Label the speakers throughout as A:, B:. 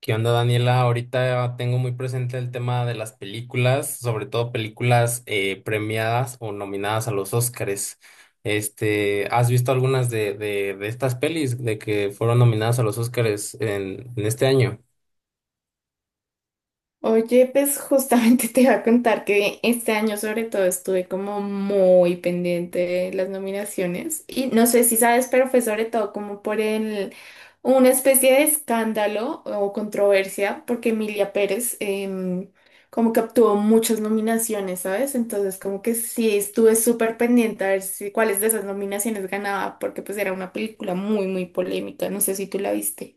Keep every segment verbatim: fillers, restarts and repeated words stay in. A: ¿Qué onda, Daniela? Ahorita tengo muy presente el tema de las películas, sobre todo películas eh, premiadas o nominadas a los Óscares. Este, ¿has visto algunas de, de, de estas pelis de que fueron nominadas a los Óscares en, en este año?
B: Oye, pues justamente te iba a contar que este año sobre todo estuve como muy pendiente de las nominaciones y no sé si sabes, pero fue sobre todo como por el, una especie de escándalo o controversia porque Emilia Pérez em, como que obtuvo muchas nominaciones, ¿sabes? Entonces como que sí estuve súper pendiente a ver si, cuáles de esas nominaciones ganaba porque pues era una película muy, muy polémica, no sé si tú la viste.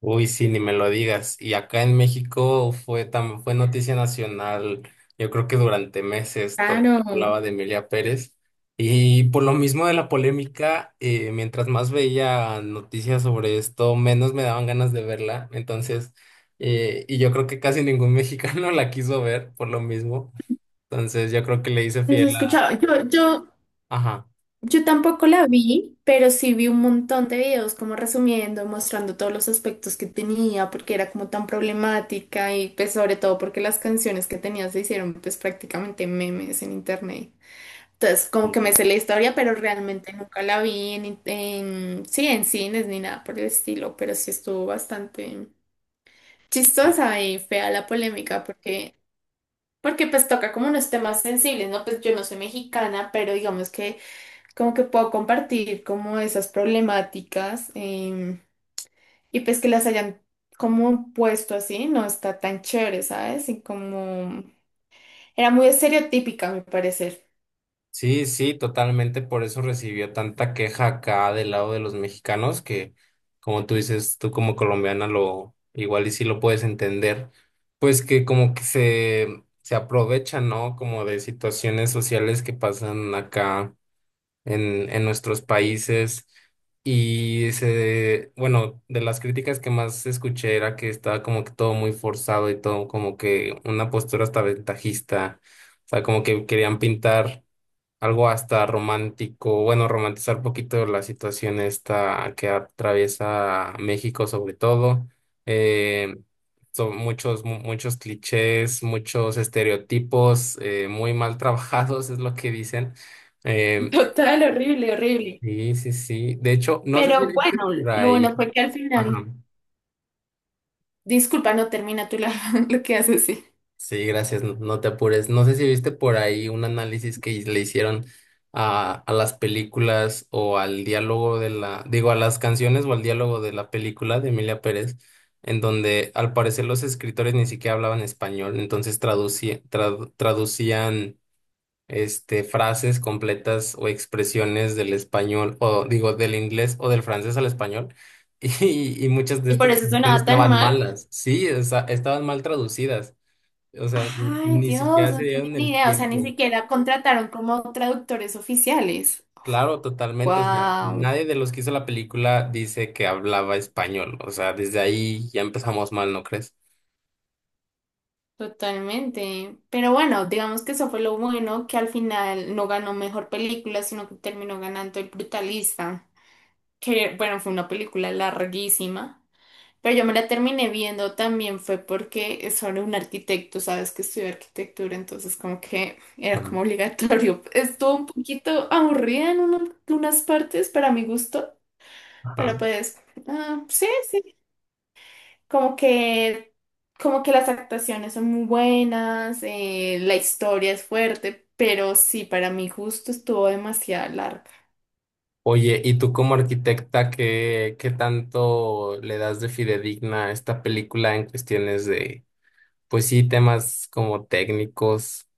A: Uy, sí, ni me lo digas. Y acá en México fue tan, fue noticia nacional, yo creo que durante meses todo el mundo
B: Claro.
A: hablaba de Emilia Pérez. Y por lo mismo de la polémica, eh, mientras más veía noticias sobre esto, menos me daban ganas de verla. Entonces, eh, y yo creo que casi ningún mexicano la quiso ver por lo mismo. Entonces, yo creo que le hice
B: ¿Has
A: fiel a...
B: escuchado? Yo, yo
A: Ajá.
B: yo tampoco la vi, pero sí vi un montón de videos como resumiendo, mostrando todos los aspectos que tenía, porque era como tan problemática y pues sobre todo porque las canciones que tenía se hicieron pues prácticamente memes en internet. Entonces como que me
A: Sí.
B: sé la historia, pero realmente nunca la vi en, en sí, en cines ni nada por el estilo, pero sí estuvo bastante
A: Sí.
B: chistosa y fea la polémica porque, porque pues toca como unos temas sensibles, ¿no? Pues yo no soy mexicana, pero digamos que como que puedo compartir como esas problemáticas em, y pues que las hayan como puesto así, no está tan chévere, ¿sabes? Y como era muy estereotípica, a mi parecer.
A: Sí, sí, totalmente. Por eso recibió tanta queja acá del lado de los mexicanos, que como tú dices, tú como colombiana lo igual y sí lo puedes entender, pues que como que se, se aprovechan, ¿no? Como de situaciones sociales que pasan acá en, en nuestros países. Y se, bueno, de las críticas que más escuché era que estaba como que todo muy forzado y todo como que una postura hasta ventajista. O sea, como que querían pintar algo hasta romántico, bueno, romantizar un poquito la situación esta que atraviesa México sobre todo. Eh, son muchos, mu- muchos clichés, muchos estereotipos eh, muy mal trabajados, es lo que dicen. Em,
B: Total, horrible, horrible.
A: sí, sí, sí. De hecho, no sé si
B: Pero
A: viste
B: bueno,
A: por
B: lo
A: ahí.
B: bueno fue que al
A: Ajá.
B: final, disculpa, no termina tú la- lo que haces, sí.
A: Sí, gracias, no, no te apures. No sé si viste por ahí un análisis que le hicieron a, a las películas o al diálogo de la, digo, a las canciones o al diálogo de la película de Emilia Pérez, en donde al parecer los escritores ni siquiera hablaban español, entonces traducía- trad- traducían este, frases completas o expresiones del español, o digo, del inglés o del francés al español. Y, y muchas de
B: Y por
A: estas
B: eso
A: traducciones
B: sonaba tan
A: estaban
B: mal.
A: malas, sí, o sea, estaban mal traducidas. O sea,
B: Ay,
A: ni
B: Dios,
A: siquiera se
B: no tenía
A: dieron
B: ni
A: el
B: idea, o sea, ni
A: tiempo.
B: siquiera contrataron como traductores oficiales.
A: Claro, totalmente. O sea,
B: Wow.
A: nadie de los que hizo la película dice que hablaba español. O sea, desde ahí ya empezamos mal, ¿no crees?
B: Totalmente. Pero bueno, digamos que eso fue lo bueno, que al final no ganó mejor película, sino que terminó ganando El Brutalista, que bueno, fue una película larguísima, pero yo me la terminé viendo también fue porque es sobre un arquitecto, sabes que estudió arquitectura, entonces como que era
A: Bueno,
B: como obligatorio. Estuvo un poquito aburrida en uno- unas partes para mi gusto,
A: ajá.
B: pero pues ah, sí, sí, como que, como que las actuaciones son muy buenas, eh, la historia es fuerte, pero sí, para mi gusto estuvo demasiado larga.
A: Oye, ¿y tú como arquitecta, qué, qué tanto le das de fidedigna a esta película en cuestiones de, pues sí, temas como técnicos?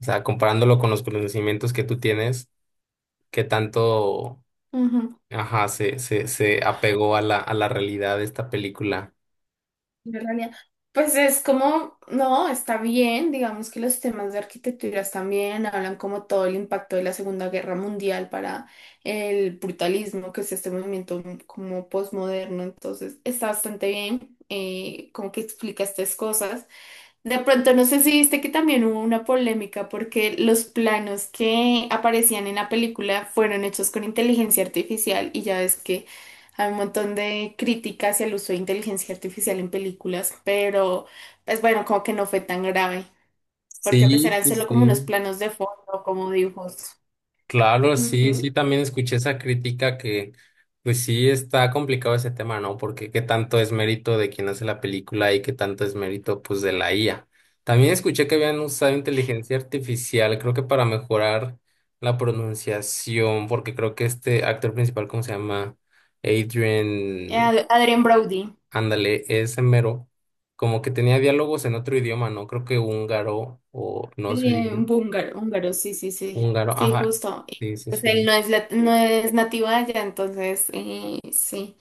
A: O sea, comparándolo con los conocimientos que tú tienes, ¿qué tanto,
B: Ujú,
A: ajá, se, se, se apegó a la, a la realidad de esta película?
B: en realidad. Pues es como, no, está bien, digamos que los temas de arquitectura están bien, hablan como todo el impacto de la Segunda Guerra Mundial para el brutalismo, que es este movimiento como posmoderno, entonces está bastante bien, eh, como que explica estas cosas. De pronto, no sé si viste que también hubo una polémica porque los planos que aparecían en la película fueron hechos con inteligencia artificial y ya ves que hay un montón de críticas hacia el uso de inteligencia artificial en películas, pero pues bueno, como que no fue tan grave, porque pues
A: Sí,
B: eran
A: sí,
B: solo como unos
A: sí.
B: planos de fondo, como dibujos.
A: Claro, sí, sí,
B: Ujú.
A: también escuché esa crítica que, pues sí, está complicado ese tema, ¿no? Porque qué tanto es mérito de quien hace la película y qué tanto es mérito, pues, de la I A. También escuché que habían usado inteligencia artificial, creo que para mejorar la pronunciación, porque creo que este actor principal, ¿cómo se llama? Adrian,
B: Ad- Adrien Brody.
A: ándale, ese mero, como que tenía diálogos en otro idioma, ¿no? Creo que húngaro o no sé.
B: Sí, un húngaro húngaro, sí, sí, sí.
A: Húngaro,
B: Sí,
A: ajá.
B: justo. Y,
A: Sí, sí,
B: pues él
A: sí.
B: no es, lat- no es nativo de allá, entonces eh, sí.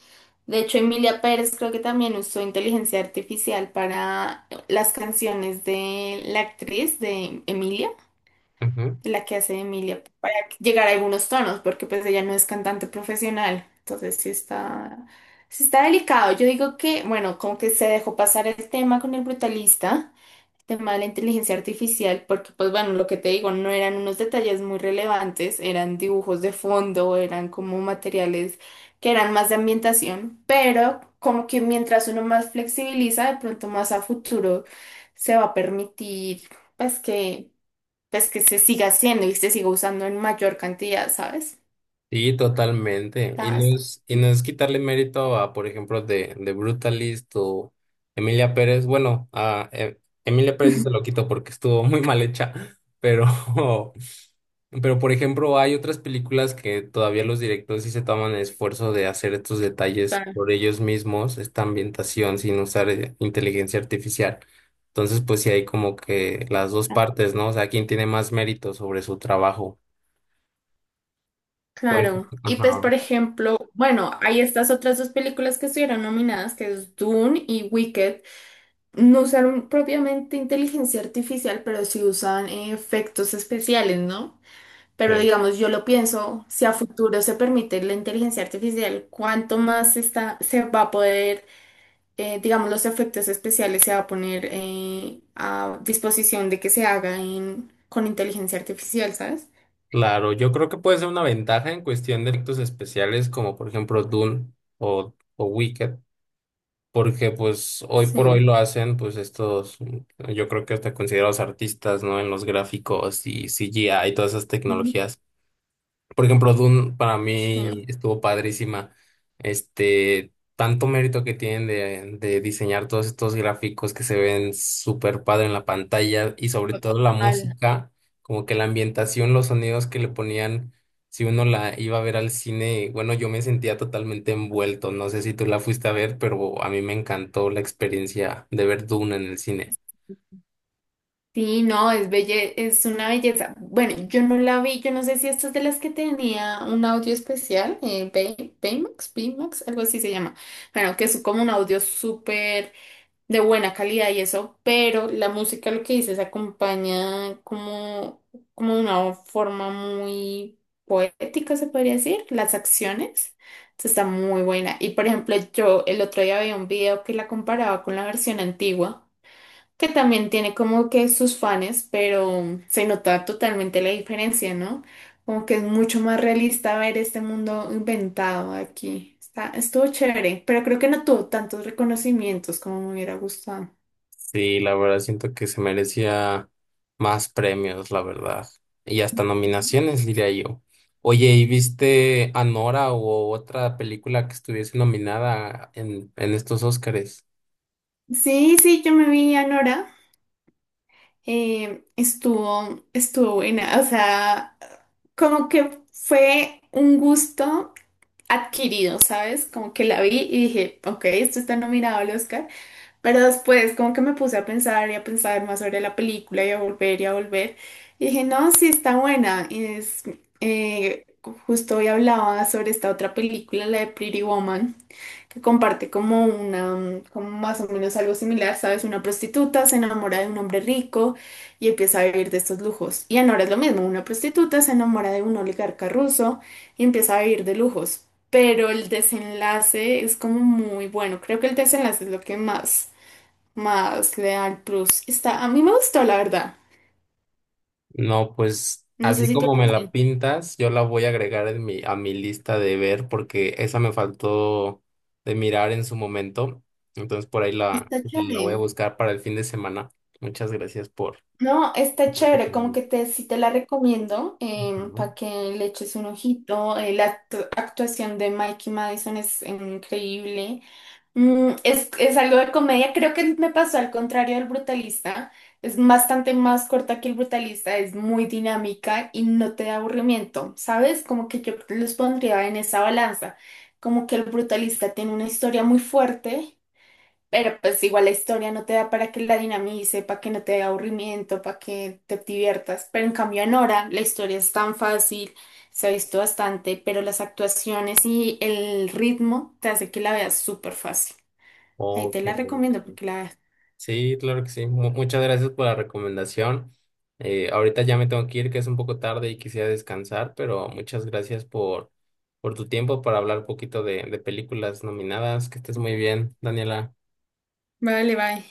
B: De hecho, Emilia Pérez creo que también usó inteligencia artificial para las canciones de la actriz de Emilia,
A: Ujú.
B: de la que hace de Emilia, para llegar a algunos tonos, porque pues ella no es cantante profesional. Entonces sí está, sí está delicado. Yo digo que, bueno, como que se dejó pasar el tema con el brutalista tema de la inteligencia artificial, porque pues bueno, lo que te digo, no eran unos detalles muy relevantes, eran dibujos de fondo, eran como materiales que eran más de ambientación, pero como que mientras uno más flexibiliza, de pronto más a futuro se va a permitir pues que, pues que se siga haciendo y se siga usando en mayor cantidad, ¿sabes?
A: Sí, totalmente. Y
B: Está-
A: no
B: está-
A: es, y no es quitarle mérito a, por ejemplo, de, de Brutalist o Emilia Pérez. Bueno, a eh, Emilia Pérez sí se lo quito porque estuvo muy mal hecha, pero Pero, por ejemplo, hay otras películas que todavía los directores sí se toman el esfuerzo de hacer estos detalles
B: está-
A: por ellos mismos, esta ambientación sin usar eh, inteligencia artificial. Entonces, pues sí hay como que las dos partes, ¿no? O sea, quién tiene más mérito sobre su trabajo. Por
B: Claro,
A: ejemplo,
B: y pues
A: ajá.
B: por ejemplo, bueno, hay estas otras dos películas que estuvieron nominadas, que es Dune y Wicked, no usaron propiamente inteligencia artificial, pero sí usan eh, efectos especiales, ¿no? Pero
A: eh,
B: digamos, yo lo pienso, si a futuro se permite la inteligencia artificial, ¿cuánto más está, se va a poder, eh, digamos, los efectos especiales se va a poner eh, a disposición de que se haga en- con inteligencia artificial, ¿sabes?
A: Claro, yo creo que puede ser una ventaja en cuestión de efectos especiales, como por ejemplo Dune o, o Wicked. Porque pues hoy
B: Sí.
A: por hoy lo hacen pues estos, yo creo que hasta considerados artistas, ¿no? En los gráficos y C G I y todas esas
B: Ujú.
A: tecnologías. Por ejemplo, Dune para
B: Sí.
A: mí estuvo padrísima. Este, tanto mérito que tienen de, de diseñar todos estos gráficos que se ven súper padre en la pantalla y sobre todo la
B: Total.
A: música, como que la ambientación, los sonidos que le ponían, si uno la iba a ver al cine, bueno, yo me sentía totalmente envuelto. No sé si tú la fuiste a ver, pero a mí me encantó la experiencia de ver Dune en el cine.
B: Sí, no, es belle, es una belleza. Bueno, yo no la vi, yo no sé si esta es de las que tenía un audio especial, eh, Bay- Baymax, Baymax, algo así se llama. Bueno, que es como un audio súper de buena calidad y eso, pero la música lo que dice se acompaña como, como de una forma muy poética, se podría decir, las acciones. Entonces, está muy buena. Y por ejemplo, yo el otro día vi un video que la comparaba con la versión antigua que también tiene como que sus fans, pero mm, se nota totalmente la diferencia, ¿no? Como que es mucho más realista ver este mundo inventado aquí. Está, estuvo chévere, pero creo que no tuvo tantos reconocimientos como me hubiera gustado.
A: Sí, la verdad siento que se merecía más premios, la verdad. Y hasta
B: Ujú.
A: nominaciones, diría yo. Oye, ¿y viste Anora o otra película que estuviese nominada en, en estos Óscares?
B: Sí, sí, yo me vi a Nora. Eh, estuvo, estuvo buena. O sea, como que fue un gusto adquirido, ¿sabes? Como que la vi y dije, ok, esto está nominado al Oscar. Pero después como que me puse a pensar y a pensar más sobre la película y a volver y a volver. Y dije, no, sí está buena. Y es, eh, justo hoy hablaba sobre esta otra película, la de Pretty Woman, que comparte como una, mm, como más o menos algo similar, ¿sabes? Una prostituta se enamora de un hombre rico y empieza a vivir de estos lujos. Y ahora es lo mismo, una prostituta se enamora de un oligarca ruso y empieza a vivir de lujos. Pero el desenlace es como muy bueno. Creo que el desenlace es lo que más más Leal Plus. Está, a mí me gustó, la verdad.
A: No, pues
B: No sé
A: así
B: si tú
A: como
B: la
A: me la
B: viste.
A: pintas, yo la voy a agregar en mi, a mi lista de ver porque esa me faltó de mirar en su momento. Entonces por ahí la,
B: Está
A: la voy a
B: chévere.
A: buscar para el fin de semana. Muchas gracias por
B: No, está
A: por
B: chévere, como
A: platicarme.
B: que te, sí te la recomiendo
A: ¿No?
B: para que le eches un ojito. Eh, la actu- actuación de Mikey Madison es increíble. Mm, es, es algo de comedia, creo que me pasó al contrario del brutalista. Es bastante más corta que el brutalista, es muy dinámica y no te da aburrimiento, ¿sabes? Como que yo los pondría en esa balanza. Como que el brutalista tiene una historia muy fuerte, pero pues igual la historia no te da para que la dinamice, para que no te dé aburrimiento, para que te diviertas. Pero en cambio en Nora la historia es tan fácil, se ha visto bastante, pero las actuaciones y el ritmo te hace que la veas súper fácil. Ahí
A: Ok,
B: te la
A: ok.
B: recomiendo porque la...
A: Sí, claro que sí. Mu- muchas gracias por la recomendación. Eh, ahorita ya me tengo que ir, que es un poco tarde y quisiera descansar, pero muchas gracias por, por tu tiempo para hablar un poquito de, de películas nominadas. Que estés muy bien, Daniela.
B: Vale, bye.